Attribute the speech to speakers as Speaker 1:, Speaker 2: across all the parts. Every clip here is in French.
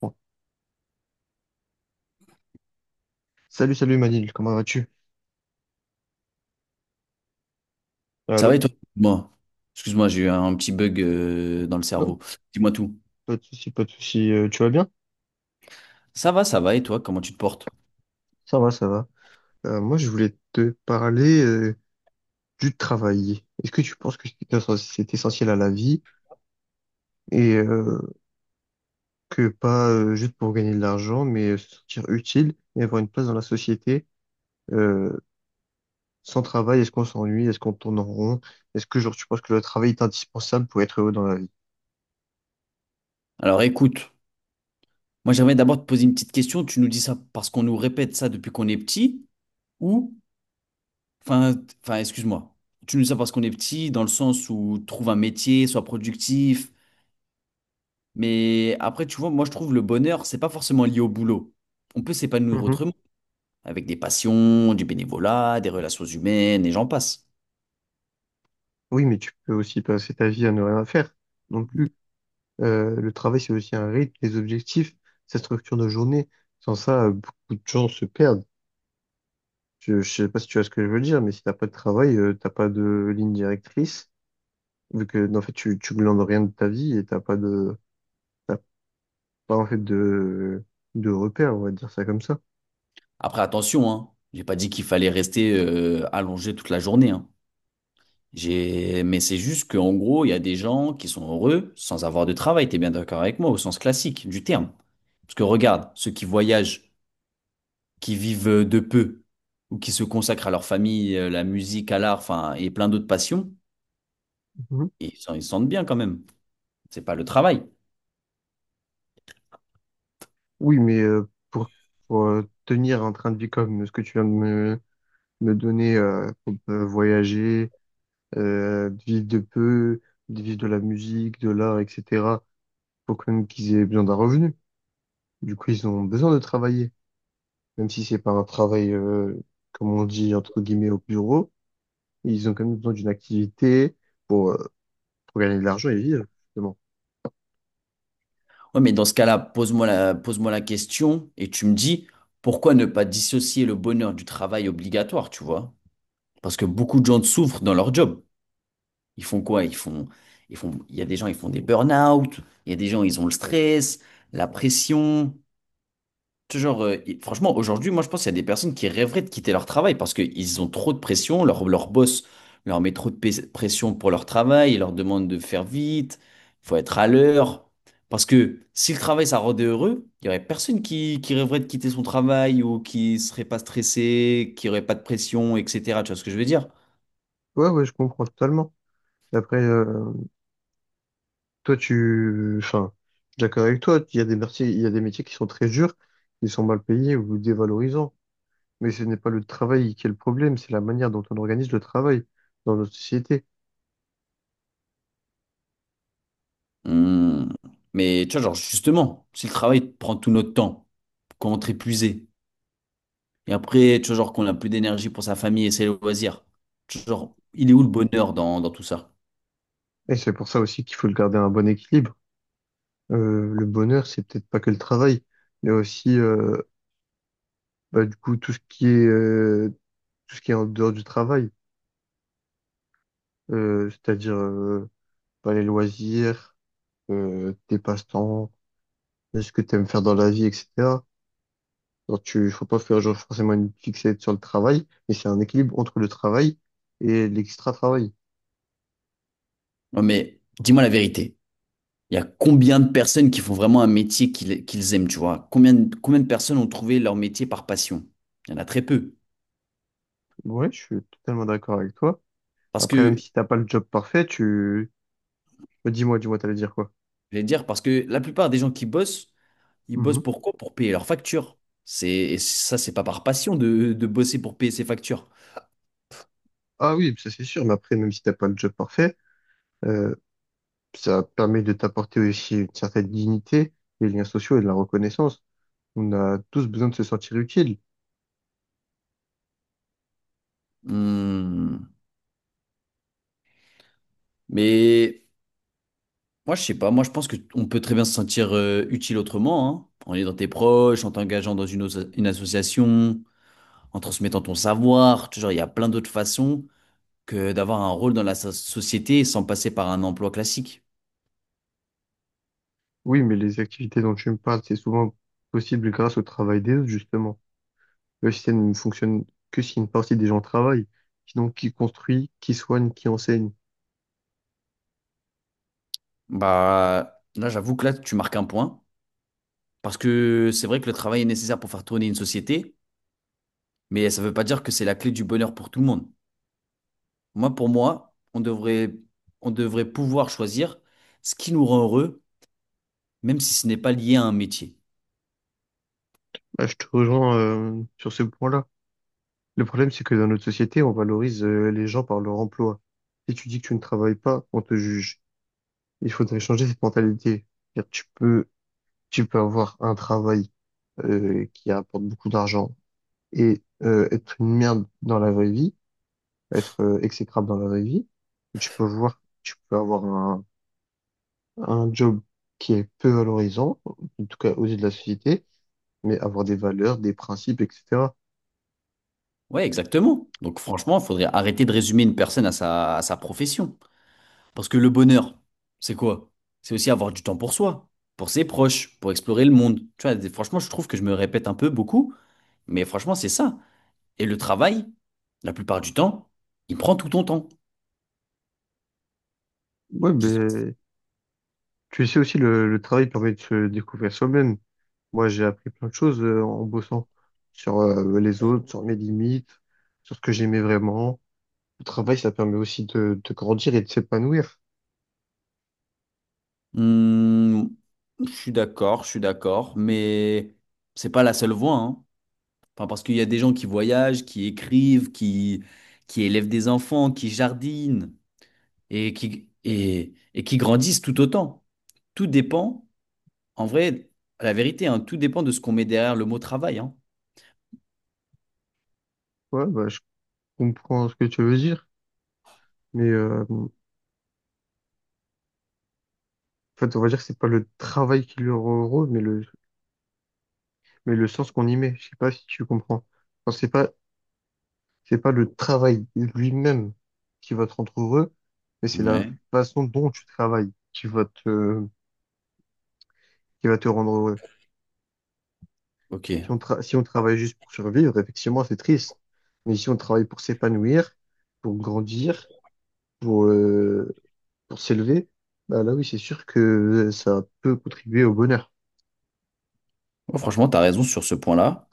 Speaker 1: Bon. Salut, salut Manil, comment vas-tu?
Speaker 2: Ça va
Speaker 1: Allô?
Speaker 2: et toi? Moi, excuse-moi, j'ai eu un petit bug dans le
Speaker 1: Non,
Speaker 2: cerveau. Dis-moi tout.
Speaker 1: pas de souci, pas de souci. Tu vas bien?
Speaker 2: Ça va et toi, comment tu te portes?
Speaker 1: Ça va, ça va. Moi, je voulais te parler du travail. Est-ce que tu penses que c'est c'est essentiel à la vie et que pas juste pour gagner de l'argent, mais se sentir utile et avoir une place dans la société? euh, Sans travail, est-ce qu'on s'ennuie? Est-ce qu'on tourne en rond? Est-ce que genre tu penses que le travail est indispensable pour être heureux dans la vie?
Speaker 2: Alors écoute, moi j'aimerais d'abord te poser une petite question. Tu nous dis ça parce qu'on nous répète ça depuis qu'on est petit ou, enfin, t- enfin, excuse-moi, tu nous dis ça parce qu'on est petit dans le sens où trouve un métier, sois productif. Mais après, tu vois, moi je trouve le bonheur, c'est pas forcément lié au boulot. On peut s'épanouir
Speaker 1: Mhm.
Speaker 2: autrement, avec des passions, du bénévolat, des relations humaines et j'en passe.
Speaker 1: Oui, mais tu peux aussi passer ta vie à ne rien faire. Donc, le travail, c'est aussi un rythme, des objectifs, sa structure de journée. Sans ça, beaucoup de gens se perdent. Je sais pas si tu vois ce que je veux dire, mais si t'as pas de travail, t'as pas de ligne directrice, vu que en fait tu glandes rien de ta vie et t'as pas de t'as pas en fait de repères, on va dire ça comme ça.
Speaker 2: Après, attention, hein. J'ai pas dit qu'il fallait rester allongé toute la journée, hein. J'ai... Mais c'est juste qu'en gros, il y a des gens qui sont heureux sans avoir de travail. T'es bien d'accord avec moi, au sens classique du terme. Parce que regarde, ceux qui voyagent, qui vivent de peu, ou qui se consacrent à leur famille, la musique, à l'art, enfin, et plein d'autres passions,
Speaker 1: Mhm.
Speaker 2: et ils se sentent bien quand même. C'est pas le travail.
Speaker 1: Oui, mais tenir un train de vie comme ce que tu viens de me donner, pour voyager, de vivre de peu, de vivre de la musique, de l'art, etc. Faut quand même qu'ils aient besoin d'un revenu. Du coup, ils ont besoin de travailler, même si c'est pas un travail, comme on dit, entre guillemets, au bureau. Ils ont quand même besoin d'une activité pour, euh, pour gagner de l'argent et vivre, justement.
Speaker 2: Ouais, mais dans ce cas-là, pose-moi la question et tu me dis pourquoi ne pas dissocier le bonheur du travail obligatoire, tu vois? Parce que beaucoup de gens souffrent dans leur job. Ils font quoi? Ils font, il y a des gens, ils font des burn-out. Il y a des gens, ils ont le stress, la pression. Ce genre, et franchement, aujourd'hui, moi, je pense qu'il y a des personnes qui rêveraient de quitter leur travail parce qu'ils ont trop de pression. Leur boss leur met pression pour leur travail. Il leur demande de faire vite. Il faut être à l'heure. Parce que si le travail, ça rendait heureux, il n'y aurait personne qui rêverait de quitter son travail ou qui serait pas stressé, qui aurait pas de pression, etc. Tu vois ce que je veux dire?
Speaker 1: Ouais, ouais, je comprends totalement. Et après, enfin, je suis d'accord avec toi. Il y a des métiers, il y a des métiers qui sont très durs, qui sont mal payés ou dévalorisants. Mais ce n'est pas le travail qui est le problème, c'est la manière dont on organise le travail dans notre société.
Speaker 2: Hmm. Mais tu vois, genre, justement, si le travail prend tout notre temps, qu'on rentre épuisé, et après, tu vois, genre, qu'on n'a plus d'énergie pour sa famille et ses loisirs, tu vois, genre, il est où le bonheur dans tout ça?
Speaker 1: Et c'est pour ça aussi qu'il faut le garder un bon équilibre. Le bonheur, c'est peut-être pas que le travail. Il y a aussi, du coup, tout ce qui est, tout ce qui est en dehors du travail. C'est-à-dire, bah, les loisirs, tes passe-temps, ce que tu aimes faire dans la vie, etc. Donc, faut pas faire genre forcément une fixette sur le travail, mais c'est un équilibre entre le travail et l'extra-travail.
Speaker 2: Non, mais dis-moi la vérité. Il y a combien de personnes qui font vraiment un métier qu'ils aiment, tu vois? Combien de personnes ont trouvé leur métier par passion? Il y en a très peu.
Speaker 1: Ouais, je suis totalement d'accord avec toi.
Speaker 2: Parce
Speaker 1: Après, même
Speaker 2: que,
Speaker 1: si t'as pas le job parfait, tu, bah, dis-moi, dis-moi, t'allais dire quoi?
Speaker 2: je vais dire, parce que la plupart des gens qui bossent, ils
Speaker 1: Mhm.
Speaker 2: bossent pour quoi? Pour payer leurs factures. C'est, et ça, c'est pas par passion de bosser pour payer ses factures.
Speaker 1: Ah oui, ça c'est sûr, mais après, même si t'as pas le job parfait, euh, ça permet de t'apporter aussi une certaine dignité, des liens sociaux et de la reconnaissance. On a tous besoin de se sentir utile.
Speaker 2: Hmm. Mais moi, je sais pas. Moi, je pense qu'on peut très bien se sentir utile autrement, hein. En aidant tes proches, en t'engageant dans une association, en transmettant ton savoir. Toujours, il y a plein d'autres façons que d'avoir un rôle dans société sans passer par un emploi classique.
Speaker 1: Oui, mais les activités dont tu me parles, c'est souvent possible grâce au travail des autres, justement. Le système ne fonctionne que si une partie des gens travaillent. Sinon, qui construit, qui soigne, qui enseigne?
Speaker 2: Bah, là, j'avoue que là, tu marques un point. Parce que c'est vrai que le travail est nécessaire pour faire tourner une société, mais ça ne veut pas dire que c'est la clé du bonheur pour tout le monde. Moi, pour moi, on devrait pouvoir choisir ce qui nous rend heureux même si ce n'est pas lié à un métier.
Speaker 1: Bah, je te rejoins, sur ce point-là. Le problème, c'est que dans notre société, on valorise, les gens par leur emploi. Si tu dis que tu ne travailles pas, on te juge. Il faudrait changer cette mentalité. C'est-à-dire, tu peux avoir un travail qui apporte beaucoup d'argent et être une merde dans la vraie vie, être exécrable dans la vraie vie, tu peux avoir un job qui est peu valorisant, en tout cas aux yeux de la société, mais avoir des valeurs, des principes, etc.
Speaker 2: Ouais, exactement. Donc franchement, il faudrait arrêter de résumer une personne à à sa profession. Parce que le bonheur, c'est quoi? C'est aussi avoir du temps pour soi, pour ses proches, pour explorer le monde. Tu vois, franchement, je trouve que je me répète un peu beaucoup, mais franchement, c'est ça. Et le travail, la plupart du temps, il prend tout ton temps.
Speaker 1: Ouais,
Speaker 2: Je sais pas.
Speaker 1: mais tu sais aussi, le travail permet de se découvrir soi-même. Moi, j'ai appris plein de choses en bossant sur les autres, sur mes limites, sur ce que j'aimais vraiment. Le travail, ça permet aussi de grandir et de s'épanouir.
Speaker 2: Hmm, je suis d'accord, mais c'est pas la seule voie, hein. Enfin, parce qu'il y a des gens qui voyagent, qui élèvent des enfants, qui jardinent et qui grandissent tout autant. Tout dépend, en vrai, la vérité, hein, tout dépend de ce qu'on met derrière le mot travail, hein.
Speaker 1: Ouais, bah, je comprends ce que tu veux dire, mais en fait, on va dire que c'est pas le travail qui leur rend heureux mais le sens qu'on y met. Je sais pas si tu comprends. Enfin, c'est pas le travail lui-même qui va te rendre heureux, mais c'est la
Speaker 2: Ouais,
Speaker 1: façon dont tu travailles qui va te rendre heureux. Si on,
Speaker 2: ok.
Speaker 1: si on travaille juste pour survivre, effectivement, c'est triste. Mais si on travaille pour s'épanouir, pour grandir, pour, euh, pour s'élever, bah là oui, c'est sûr que ça peut contribuer au bonheur.
Speaker 2: Ouais, franchement, tu as raison sur ce point-là.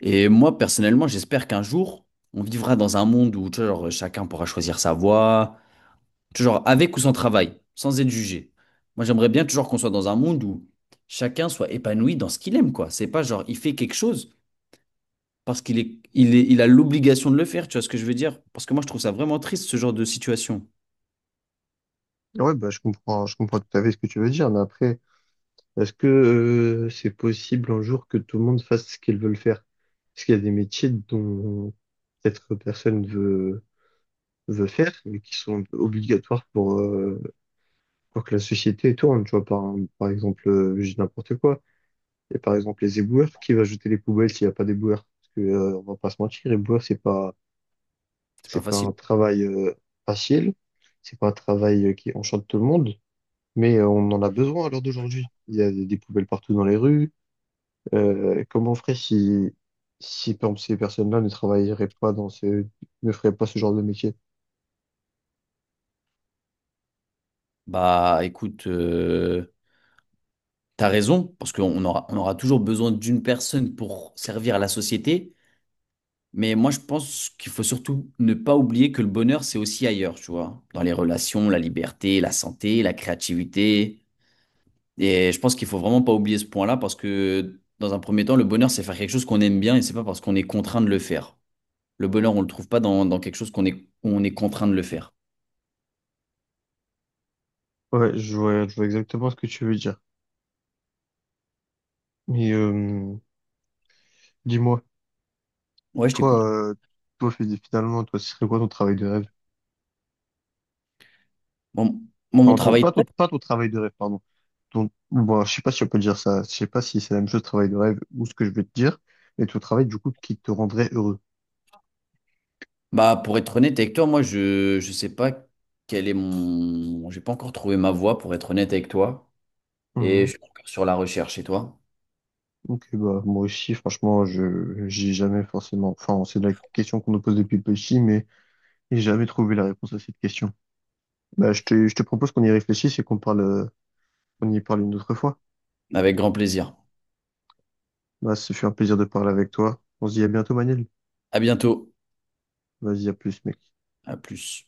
Speaker 2: Et moi, personnellement, j'espère qu'un jour, on vivra dans un monde où, tu vois, genre, chacun pourra choisir sa voie, toujours avec ou sans travail, sans être jugé. Moi, j'aimerais bien toujours qu'on soit dans un monde où chacun soit épanoui dans ce qu'il aime, quoi. C'est pas genre, il fait quelque chose parce qu'il est, il a l'obligation de le faire, tu vois ce que je veux dire? Parce que moi, je trouve ça vraiment triste, ce genre de situation.
Speaker 1: Ouais, bah, je comprends tout à fait ce que tu veux dire, mais après, est-ce que c'est possible un jour que tout le monde fasse ce qu'ils veulent faire? Parce qu'il y a des métiers dont peut-être veut faire, mais qui sont obligatoires pour que la société tourne. Tu vois, par, par exemple, je dis n'importe quoi. Et par exemple, les éboueurs, qui va jeter les poubelles s'il n'y a pas d'éboueurs? Parce que, on va pas se mentir, éboueur,
Speaker 2: C'est pas
Speaker 1: c'est pas un
Speaker 2: facile.
Speaker 1: travail facile, c'est pas un travail qui enchante tout le monde. Mais on en a besoin à l'heure d'aujourd'hui. Il y a des poubelles partout dans les rues. Comment on ferait si, si par exemple, ces personnes-là ne travailleraient pas dans ce, ne feraient pas ce genre de métier?
Speaker 2: Bah, écoute, t'as raison, parce on aura toujours besoin d'une personne pour servir à la société. Mais moi, je pense qu'il faut surtout ne pas oublier que le bonheur, c'est aussi ailleurs, tu vois. Dans les relations, la liberté, la santé, la créativité. Et je pense qu'il faut vraiment pas oublier ce point-là parce que dans un premier temps, le bonheur, c'est faire quelque chose qu'on aime bien et c'est pas parce qu'on est contraint de le faire. Le bonheur, on le trouve pas dans quelque chose on est contraint de le faire.
Speaker 1: Ouais, je vois exactement ce que tu veux dire. Mais dis-moi,
Speaker 2: Ouais, je t'écoute.
Speaker 1: toi, finalement, toi, ce serait quoi ton travail de rêve?
Speaker 2: Bon, moi, mon
Speaker 1: Enfin,
Speaker 2: travail, de rêve,
Speaker 1: pas ton travail de rêve, pardon. Ton, bon, je sais pas si on peut dire ça. Je sais pas si c'est la même chose, travail de rêve, ou ce que je vais te dire, mais ton travail, du coup, qui te rendrait heureux.
Speaker 2: bah, pour être honnête avec toi, je sais pas quel est mon, j'ai pas encore trouvé ma voie pour être honnête avec toi et je suis encore sur la recherche et toi.
Speaker 1: Ok, bah, moi aussi, franchement, j'ai jamais forcément, enfin, c'est la question qu'on nous pose depuis petit, mais j'ai jamais trouvé la réponse à cette question. Bah, je te propose qu'on y réfléchisse et qu'on parle, qu'on y parle une autre fois.
Speaker 2: Avec grand plaisir.
Speaker 1: Bah, ce fut un plaisir de parler avec toi. On se dit à bientôt, Manil.
Speaker 2: À bientôt.
Speaker 1: Vas-y, à plus, mec.
Speaker 2: À plus.